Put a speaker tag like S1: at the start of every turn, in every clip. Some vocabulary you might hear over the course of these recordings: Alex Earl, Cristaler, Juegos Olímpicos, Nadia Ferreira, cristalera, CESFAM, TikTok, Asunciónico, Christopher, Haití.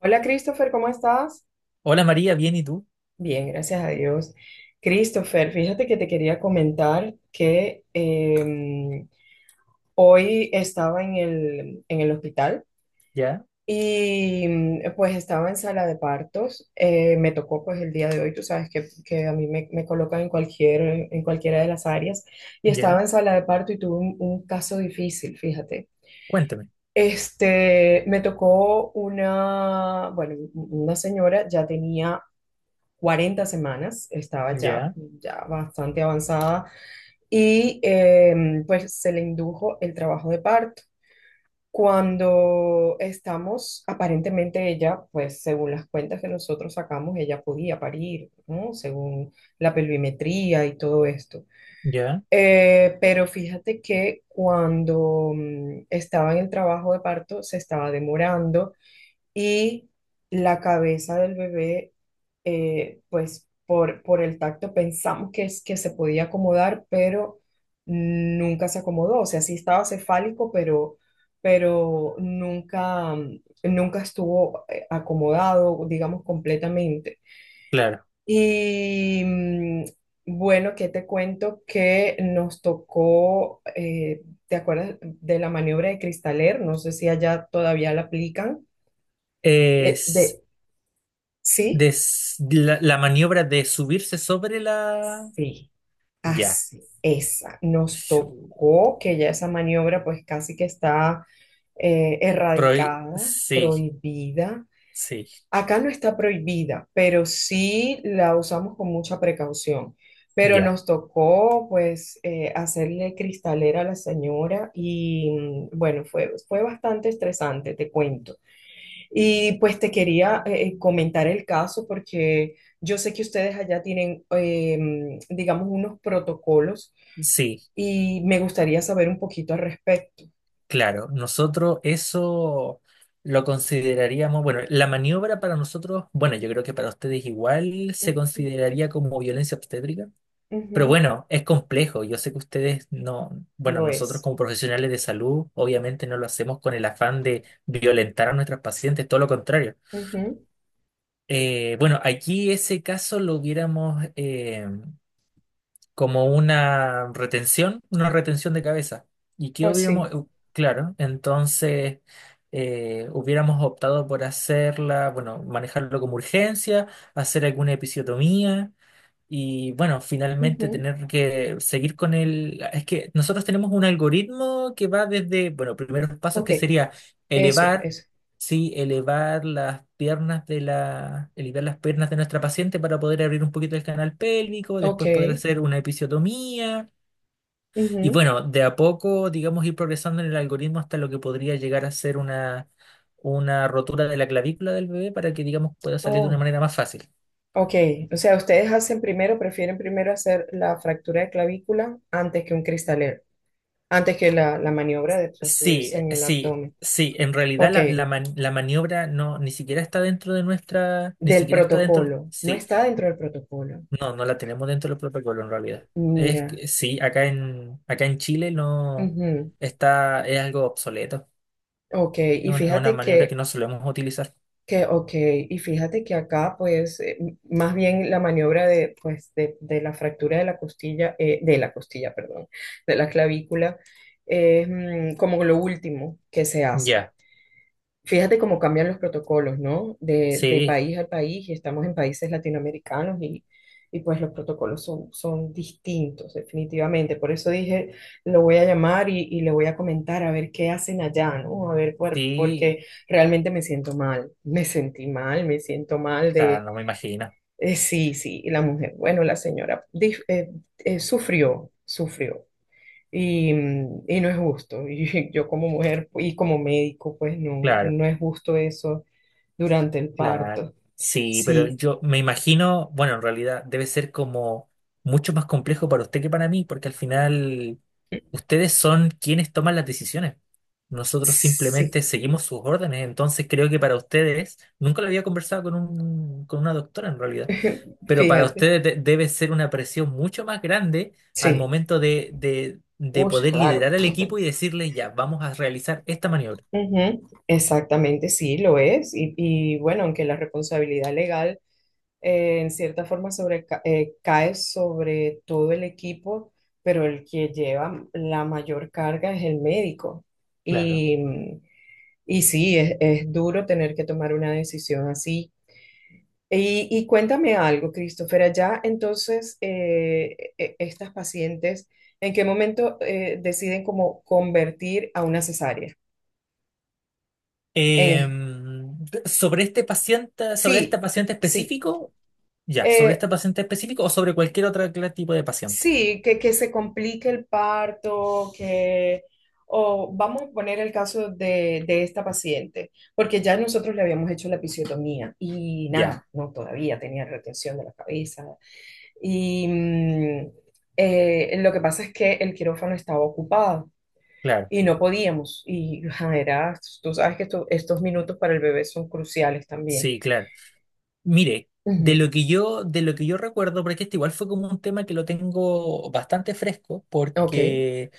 S1: Hola Christopher, ¿cómo estás?
S2: Hola María, bien, ¿y tú?
S1: Bien, gracias a Dios. Christopher, fíjate que te quería comentar que hoy estaba en el hospital
S2: Ya,
S1: y pues estaba en sala de partos. Me tocó pues el día de hoy, tú sabes que a mí me colocan en cualquiera de las áreas y estaba
S2: ya,
S1: en sala de parto y tuve un caso difícil, fíjate.
S2: cuéntame.
S1: Me tocó una, bueno, una señora ya tenía 40 semanas, estaba ya,
S2: Ya,
S1: ya bastante avanzada y pues se le indujo el trabajo de parto. Cuando estamos, aparentemente ella, pues según las cuentas que nosotros sacamos, ella podía parir, ¿no? Según la pelvimetría y todo esto.
S2: ya,
S1: Pero fíjate que cuando estaba en el trabajo de parto se estaba demorando y la cabeza del bebé, pues por el tacto pensamos que se podía acomodar, pero nunca se acomodó. O sea, sí estaba cefálico, pero nunca estuvo acomodado, digamos, completamente.
S2: claro.
S1: Y bueno, ¿qué te cuento? Que nos tocó, ¿te acuerdas de la maniobra de Cristaler? No sé si allá todavía la aplican eh,
S2: Es
S1: de,
S2: des-
S1: Sí,
S2: la, la maniobra de subirse sobre la.
S1: Sí,
S2: Ya.
S1: así, esa. Nos
S2: Shu-
S1: tocó que ya esa maniobra pues casi que está
S2: Pro-
S1: erradicada,
S2: Sí,
S1: prohibida.
S2: sí,
S1: Acá no está prohibida, pero sí la usamos con mucha precaución. Pero
S2: ya,
S1: nos tocó pues hacerle cristalera a la señora y bueno, fue bastante estresante, te cuento. Y pues te quería comentar el caso porque yo sé que ustedes allá tienen, digamos, unos protocolos
S2: sí,
S1: y me gustaría saber un poquito al respecto.
S2: claro. Nosotros eso lo consideraríamos, bueno, la maniobra para nosotros, bueno, yo creo que para ustedes igual se
S1: Ujú,
S2: consideraría como violencia obstétrica. Pero
S1: ujú.
S2: bueno, es complejo. Yo sé que ustedes no, bueno,
S1: Lo
S2: nosotros
S1: es.
S2: como profesionales de salud, obviamente no lo hacemos con el afán de violentar a nuestras pacientes, todo lo contrario.
S1: Ujú.
S2: Bueno, aquí ese caso lo hubiéramos como una retención de cabeza. ¿Y qué
S1: Oh,
S2: hubiéramos?
S1: sí.
S2: Claro, entonces hubiéramos optado por hacerla, bueno, manejarlo como urgencia, hacer alguna episiotomía y bueno, finalmente
S1: Ujú.
S2: tener que seguir con el. Es que nosotros tenemos un algoritmo que va desde, bueno, primeros pasos
S1: Ok,
S2: que sería
S1: eso,
S2: elevar,
S1: eso.
S2: sí, elevar las piernas de nuestra paciente para poder abrir un poquito el canal pélvico,
S1: Ok.
S2: después poder hacer una episiotomía. Y
S1: Ujú.
S2: bueno, de a poco, digamos, ir progresando en el algoritmo hasta lo que podría llegar a ser una rotura de la clavícula del bebé para que, digamos, pueda salir de una
S1: Oh,
S2: manera más fácil.
S1: ok. O sea, ustedes hacen primero, prefieren primero hacer la fractura de clavícula antes que un cristalero, antes que la maniobra de
S2: Sí,
S1: subirse en el
S2: sí,
S1: abdomen.
S2: sí. En realidad
S1: Ok,
S2: la maniobra no, ni siquiera está dentro de nuestra, ni
S1: del
S2: siquiera está dentro.
S1: protocolo, no
S2: Sí,
S1: está dentro del protocolo.
S2: no, no la tenemos dentro del protocolo en realidad. Es
S1: Mira,
S2: que sí, acá en Chile no
S1: ujú,
S2: está, es algo obsoleto.
S1: ok,
S2: Es
S1: y
S2: un- es una
S1: fíjate
S2: maniobra que
S1: que,
S2: no solemos utilizar.
S1: ok, y fíjate que acá, pues, más bien la maniobra de, pues, de la fractura de la costilla, perdón, de la clavícula, es como lo último que se hace.
S2: Ya,
S1: Fíjate cómo cambian los protocolos, ¿no? De
S2: sí,
S1: país a país, y estamos en países latinoamericanos y pues los protocolos son, son distintos, definitivamente. Por eso dije, lo voy a llamar y le voy a comentar a ver qué hacen allá, ¿no? A ver,
S2: sí,
S1: porque realmente me siento mal, me sentí mal, me siento mal de,
S2: claro, no me imagino.
S1: sí, sí, y la mujer, bueno, la señora sufrió, sufrió. Y no es justo. Y yo como mujer y como médico, pues no,
S2: Claro.
S1: no es justo eso durante el
S2: Claro.
S1: parto.
S2: Sí, pero
S1: Sí,
S2: yo me imagino, bueno, en realidad debe ser como mucho más complejo para usted que para mí, porque al final ustedes son quienes toman las decisiones. Nosotros
S1: sí,
S2: simplemente seguimos sus órdenes, entonces creo que para ustedes, nunca lo había conversado con un, con una doctora en realidad, pero para
S1: fíjate,
S2: ustedes debe ser una presión mucho más grande al
S1: sí.
S2: momento de
S1: Uy,
S2: poder
S1: claro.
S2: liderar al equipo y decirle, ya, vamos a realizar esta maniobra.
S1: Ujú, exactamente, sí, lo es. Y, bueno, aunque la responsabilidad legal en cierta forma sobre, cae sobre todo el equipo, pero el que lleva la mayor carga es el médico.
S2: Claro.
S1: Y, y sí, es duro tener que tomar una decisión así. Y cuéntame algo, Christopher, allá entonces estas pacientes, ¿en qué momento deciden como convertir a una cesárea?
S2: Eh,
S1: En-
S2: Sobre este paciente, sobre esta
S1: sí,
S2: paciente
S1: sí,
S2: específico, ya, sobre
S1: eh,
S2: esta paciente específico o sobre cualquier otro tipo de paciente.
S1: sí, que se complique el parto, que, o vamos a poner el caso de esta paciente, porque ya nosotros le habíamos hecho la episiotomía y
S2: Ya,
S1: nada, no, todavía tenía retención de la cabeza. Y lo que pasa es que el quirófano estaba ocupado
S2: claro,
S1: y no podíamos. Y ajá, era, tú sabes que estos minutos para el bebé son cruciales también.
S2: sí, claro. Mire,
S1: Ujú,
S2: de lo que yo recuerdo, porque este igual fue como un tema que lo tengo bastante fresco,
S1: ok.
S2: porque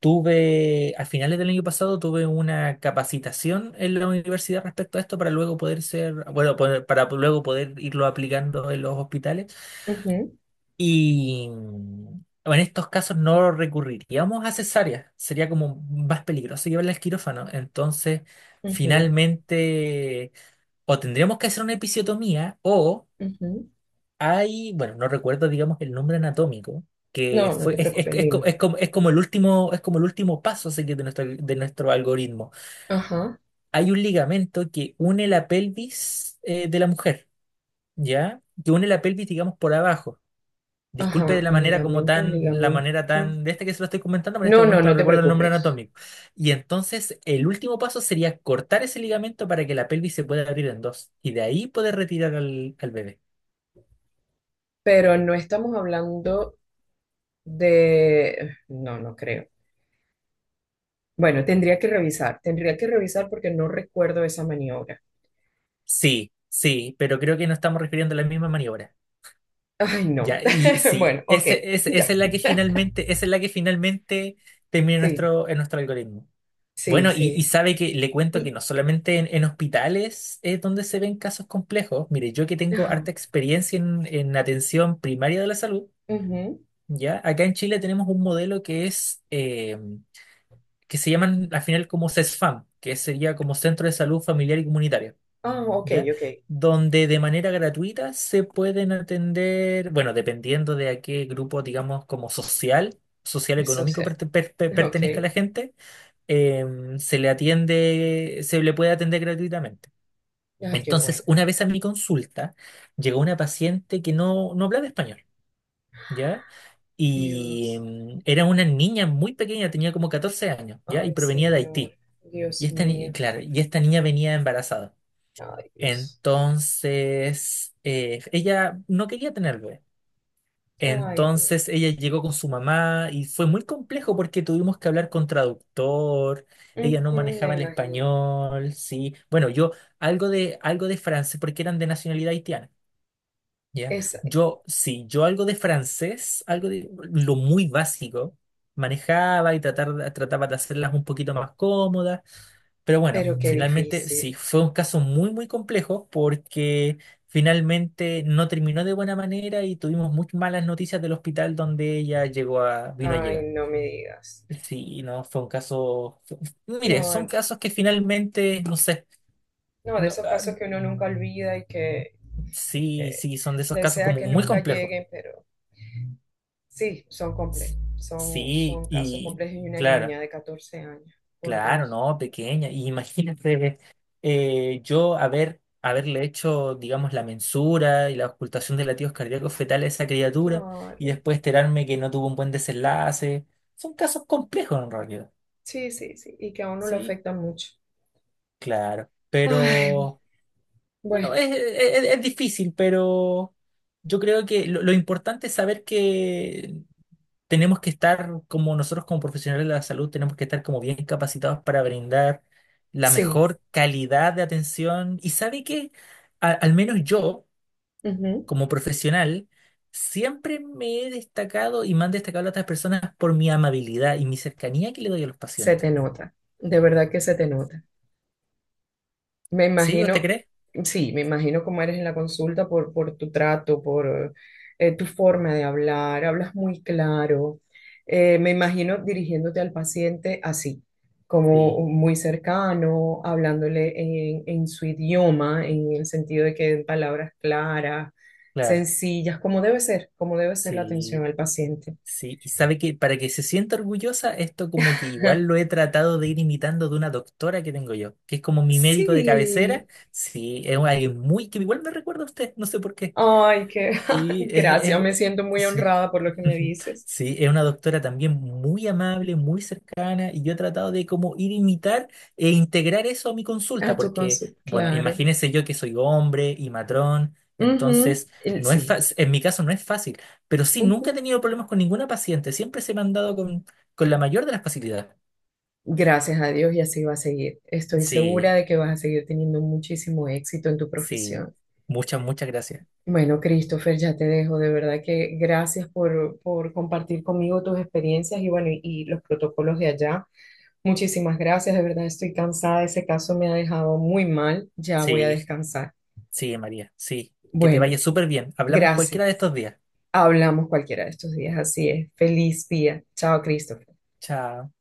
S2: tuve, a finales del año pasado, tuve una capacitación en la universidad respecto a esto para luego poder ser, bueno, para luego poder irlo aplicando en los hospitales.
S1: Ujú,
S2: Y en estos casos no recurriríamos a cesárea, sería como más peligroso llevarla al quirófano. Entonces,
S1: ujú,
S2: finalmente, o tendríamos que hacer una episiotomía, o
S1: ujú.
S2: hay, bueno, no recuerdo, digamos, el nombre anatómico, que
S1: No, no
S2: fue,
S1: te preocupes,
S2: es co-
S1: dime.
S2: es como, es como el último paso, así que, de nuestro algoritmo.
S1: Ajá,
S2: Hay un ligamento que une la pelvis, de la mujer, ¿ya? Que une la pelvis, digamos, por abajo. Disculpe de
S1: ajá,
S2: la
S1: el
S2: manera como
S1: ligamento, el
S2: tan, la manera
S1: ligamento.
S2: tan de este que se lo estoy comentando, pero en este
S1: No, no,
S2: momento no
S1: no te
S2: recuerdo el nombre
S1: preocupes.
S2: anatómico. Y entonces el último paso sería cortar ese ligamento para que la pelvis se pueda abrir en dos y de ahí poder retirar al bebé.
S1: Pero no estamos hablando de... No, no creo. Bueno, tendría que revisar porque no recuerdo esa maniobra.
S2: Sí, sí, pero creo que no estamos refiriendo a la misma maniobra.
S1: Ay, no.
S2: Ya, y sí,
S1: Bueno, ok, ya.
S2: esa es la que finalmente, termina en
S1: Sí,
S2: nuestro, algoritmo.
S1: sí,
S2: Bueno, y
S1: sí.
S2: sabe que le cuento que
S1: Y,
S2: no solamente en hospitales es donde se ven casos complejos. Mire, yo que tengo harta
S1: ajá,
S2: experiencia en atención primaria de la salud,
S1: ujú.
S2: ¿ya? Acá en Chile tenemos un modelo que es, que se llaman al final como CESFAM, que sería como Centro de Salud Familiar y comunitaria.
S1: Ah, ok,
S2: ¿Ya?
S1: ok.
S2: Donde de manera gratuita se pueden atender, bueno, dependiendo de a qué grupo, digamos, como social
S1: Eso
S2: económico
S1: sea, ok.
S2: pertenezca la gente se le puede atender gratuitamente.
S1: Ay, qué
S2: Entonces,
S1: bueno.
S2: una vez a mi consulta, llegó una paciente que no hablaba español, ¿ya? Y
S1: Dios.
S2: era una niña muy pequeña, tenía como 14 años, ¿ya? Y
S1: Ay,
S2: provenía de
S1: Señor.
S2: Haití. Y
S1: Dios
S2: esta, ni-
S1: mío.
S2: claro, y esta niña venía embarazada.
S1: Ay, Dios.
S2: Entonces, ella no quería tener bebé.
S1: Ay, Dios.
S2: Entonces ella llegó con su mamá y fue muy complejo porque tuvimos que hablar con traductor, ella no
S1: Ujú, me
S2: manejaba el
S1: imagino.
S2: español, sí. Bueno, yo algo de francés porque eran de nacionalidad haitiana. ¿Ya?
S1: Esa-
S2: Yo, sí, yo algo de francés, algo de lo muy básico, manejaba y trataba de hacerlas un poquito más cómodas, pero bueno,
S1: pero qué
S2: finalmente
S1: difícil.
S2: sí, fue un caso muy, muy complejo porque finalmente no terminó de buena manera y tuvimos muy malas noticias del hospital donde ella llegó a, vino a
S1: Ay,
S2: llegar.
S1: no me digas.
S2: Sí, no, fue un caso. Mire, son
S1: No,
S2: casos que finalmente, no sé,
S1: no, de
S2: no,
S1: esos
S2: ah,
S1: casos que uno nunca olvida y
S2: sí,
S1: que
S2: sí, son de esos casos
S1: desea
S2: como
S1: que
S2: muy
S1: nunca
S2: complejos.
S1: lleguen, pero sí, son
S2: S-
S1: complejos, son,
S2: Sí,
S1: son casos
S2: y
S1: complejos y una
S2: claro,
S1: niña de 14 años, por
S2: claro,
S1: Dios.
S2: no, pequeña. Y imagínate yo haberle hecho, digamos, la mensura y la ocultación de latidos cardíacos fetales a esa criatura y
S1: Claro,
S2: después enterarme que no tuvo un buen desenlace. Son casos complejos en realidad.
S1: sí, sí, sí, y que a uno le
S2: Sí,
S1: afecta mucho.
S2: claro.
S1: Ay,
S2: Pero,
S1: bueno,
S2: bueno, es difícil, pero yo creo que lo importante es saber que tenemos que estar, como nosotros como profesionales de la salud, tenemos que estar como bien capacitados para brindar la
S1: sí,
S2: mejor calidad de atención. Y sabe que, al menos yo,
S1: ujú.
S2: como profesional, siempre me he destacado y me han destacado otras personas por mi amabilidad y mi cercanía que le doy a los
S1: Se
S2: pacientes.
S1: te nota, de verdad que se te nota. Me
S2: ¿Sí? ¿Usted
S1: imagino,
S2: cree?
S1: sí, me imagino cómo eres en la consulta por tu trato, por tu forma de hablar, hablas muy claro. Me imagino dirigiéndote al paciente así, como
S2: Sí,
S1: muy cercano, hablándole en su idioma, en el sentido de que en palabras claras,
S2: claro.
S1: sencillas, como debe ser la atención
S2: Sí.
S1: al paciente.
S2: Sí, y sabe que para que se sienta orgullosa, esto como que igual lo he tratado de ir imitando de una doctora que tengo yo, que es como mi médico de
S1: Sí,
S2: cabecera. Sí, es alguien muy que igual me recuerda a usted, no sé por qué.
S1: ay, qué
S2: Sí,
S1: gracias, me siento muy
S2: sí.
S1: honrada por lo que me dices.
S2: Sí, es una doctora también muy amable, muy cercana, y yo he tratado de como ir a imitar e integrar eso a mi
S1: A
S2: consulta,
S1: tu
S2: porque,
S1: consulta
S2: bueno,
S1: claro.
S2: imagínese yo que soy hombre y matrón,
S1: Ujú,
S2: entonces
S1: el-
S2: no es fa-
S1: sí,
S2: en mi caso no es fácil, pero sí, nunca he
S1: ujú.
S2: tenido problemas con ninguna paciente, siempre se me han dado con, la mayor de las facilidades.
S1: Gracias a Dios y así va a seguir. Estoy segura
S2: Sí,
S1: de que vas a seguir teniendo muchísimo éxito en tu
S2: sí,
S1: profesión.
S2: muchas, muchas gracias.
S1: Bueno, Christopher, ya te dejo. De verdad que gracias por compartir conmigo tus experiencias y bueno, y los protocolos de allá. Muchísimas gracias. De verdad estoy cansada. Ese caso me ha dejado muy mal. Ya voy a
S2: Sí,
S1: descansar.
S2: sí, María, sí, que te
S1: Bueno,
S2: vaya súper bien. Hablamos
S1: gracias.
S2: cualquiera de estos días.
S1: Hablamos cualquiera de estos días. Así es. Feliz día. Chao, Christopher.
S2: Chao.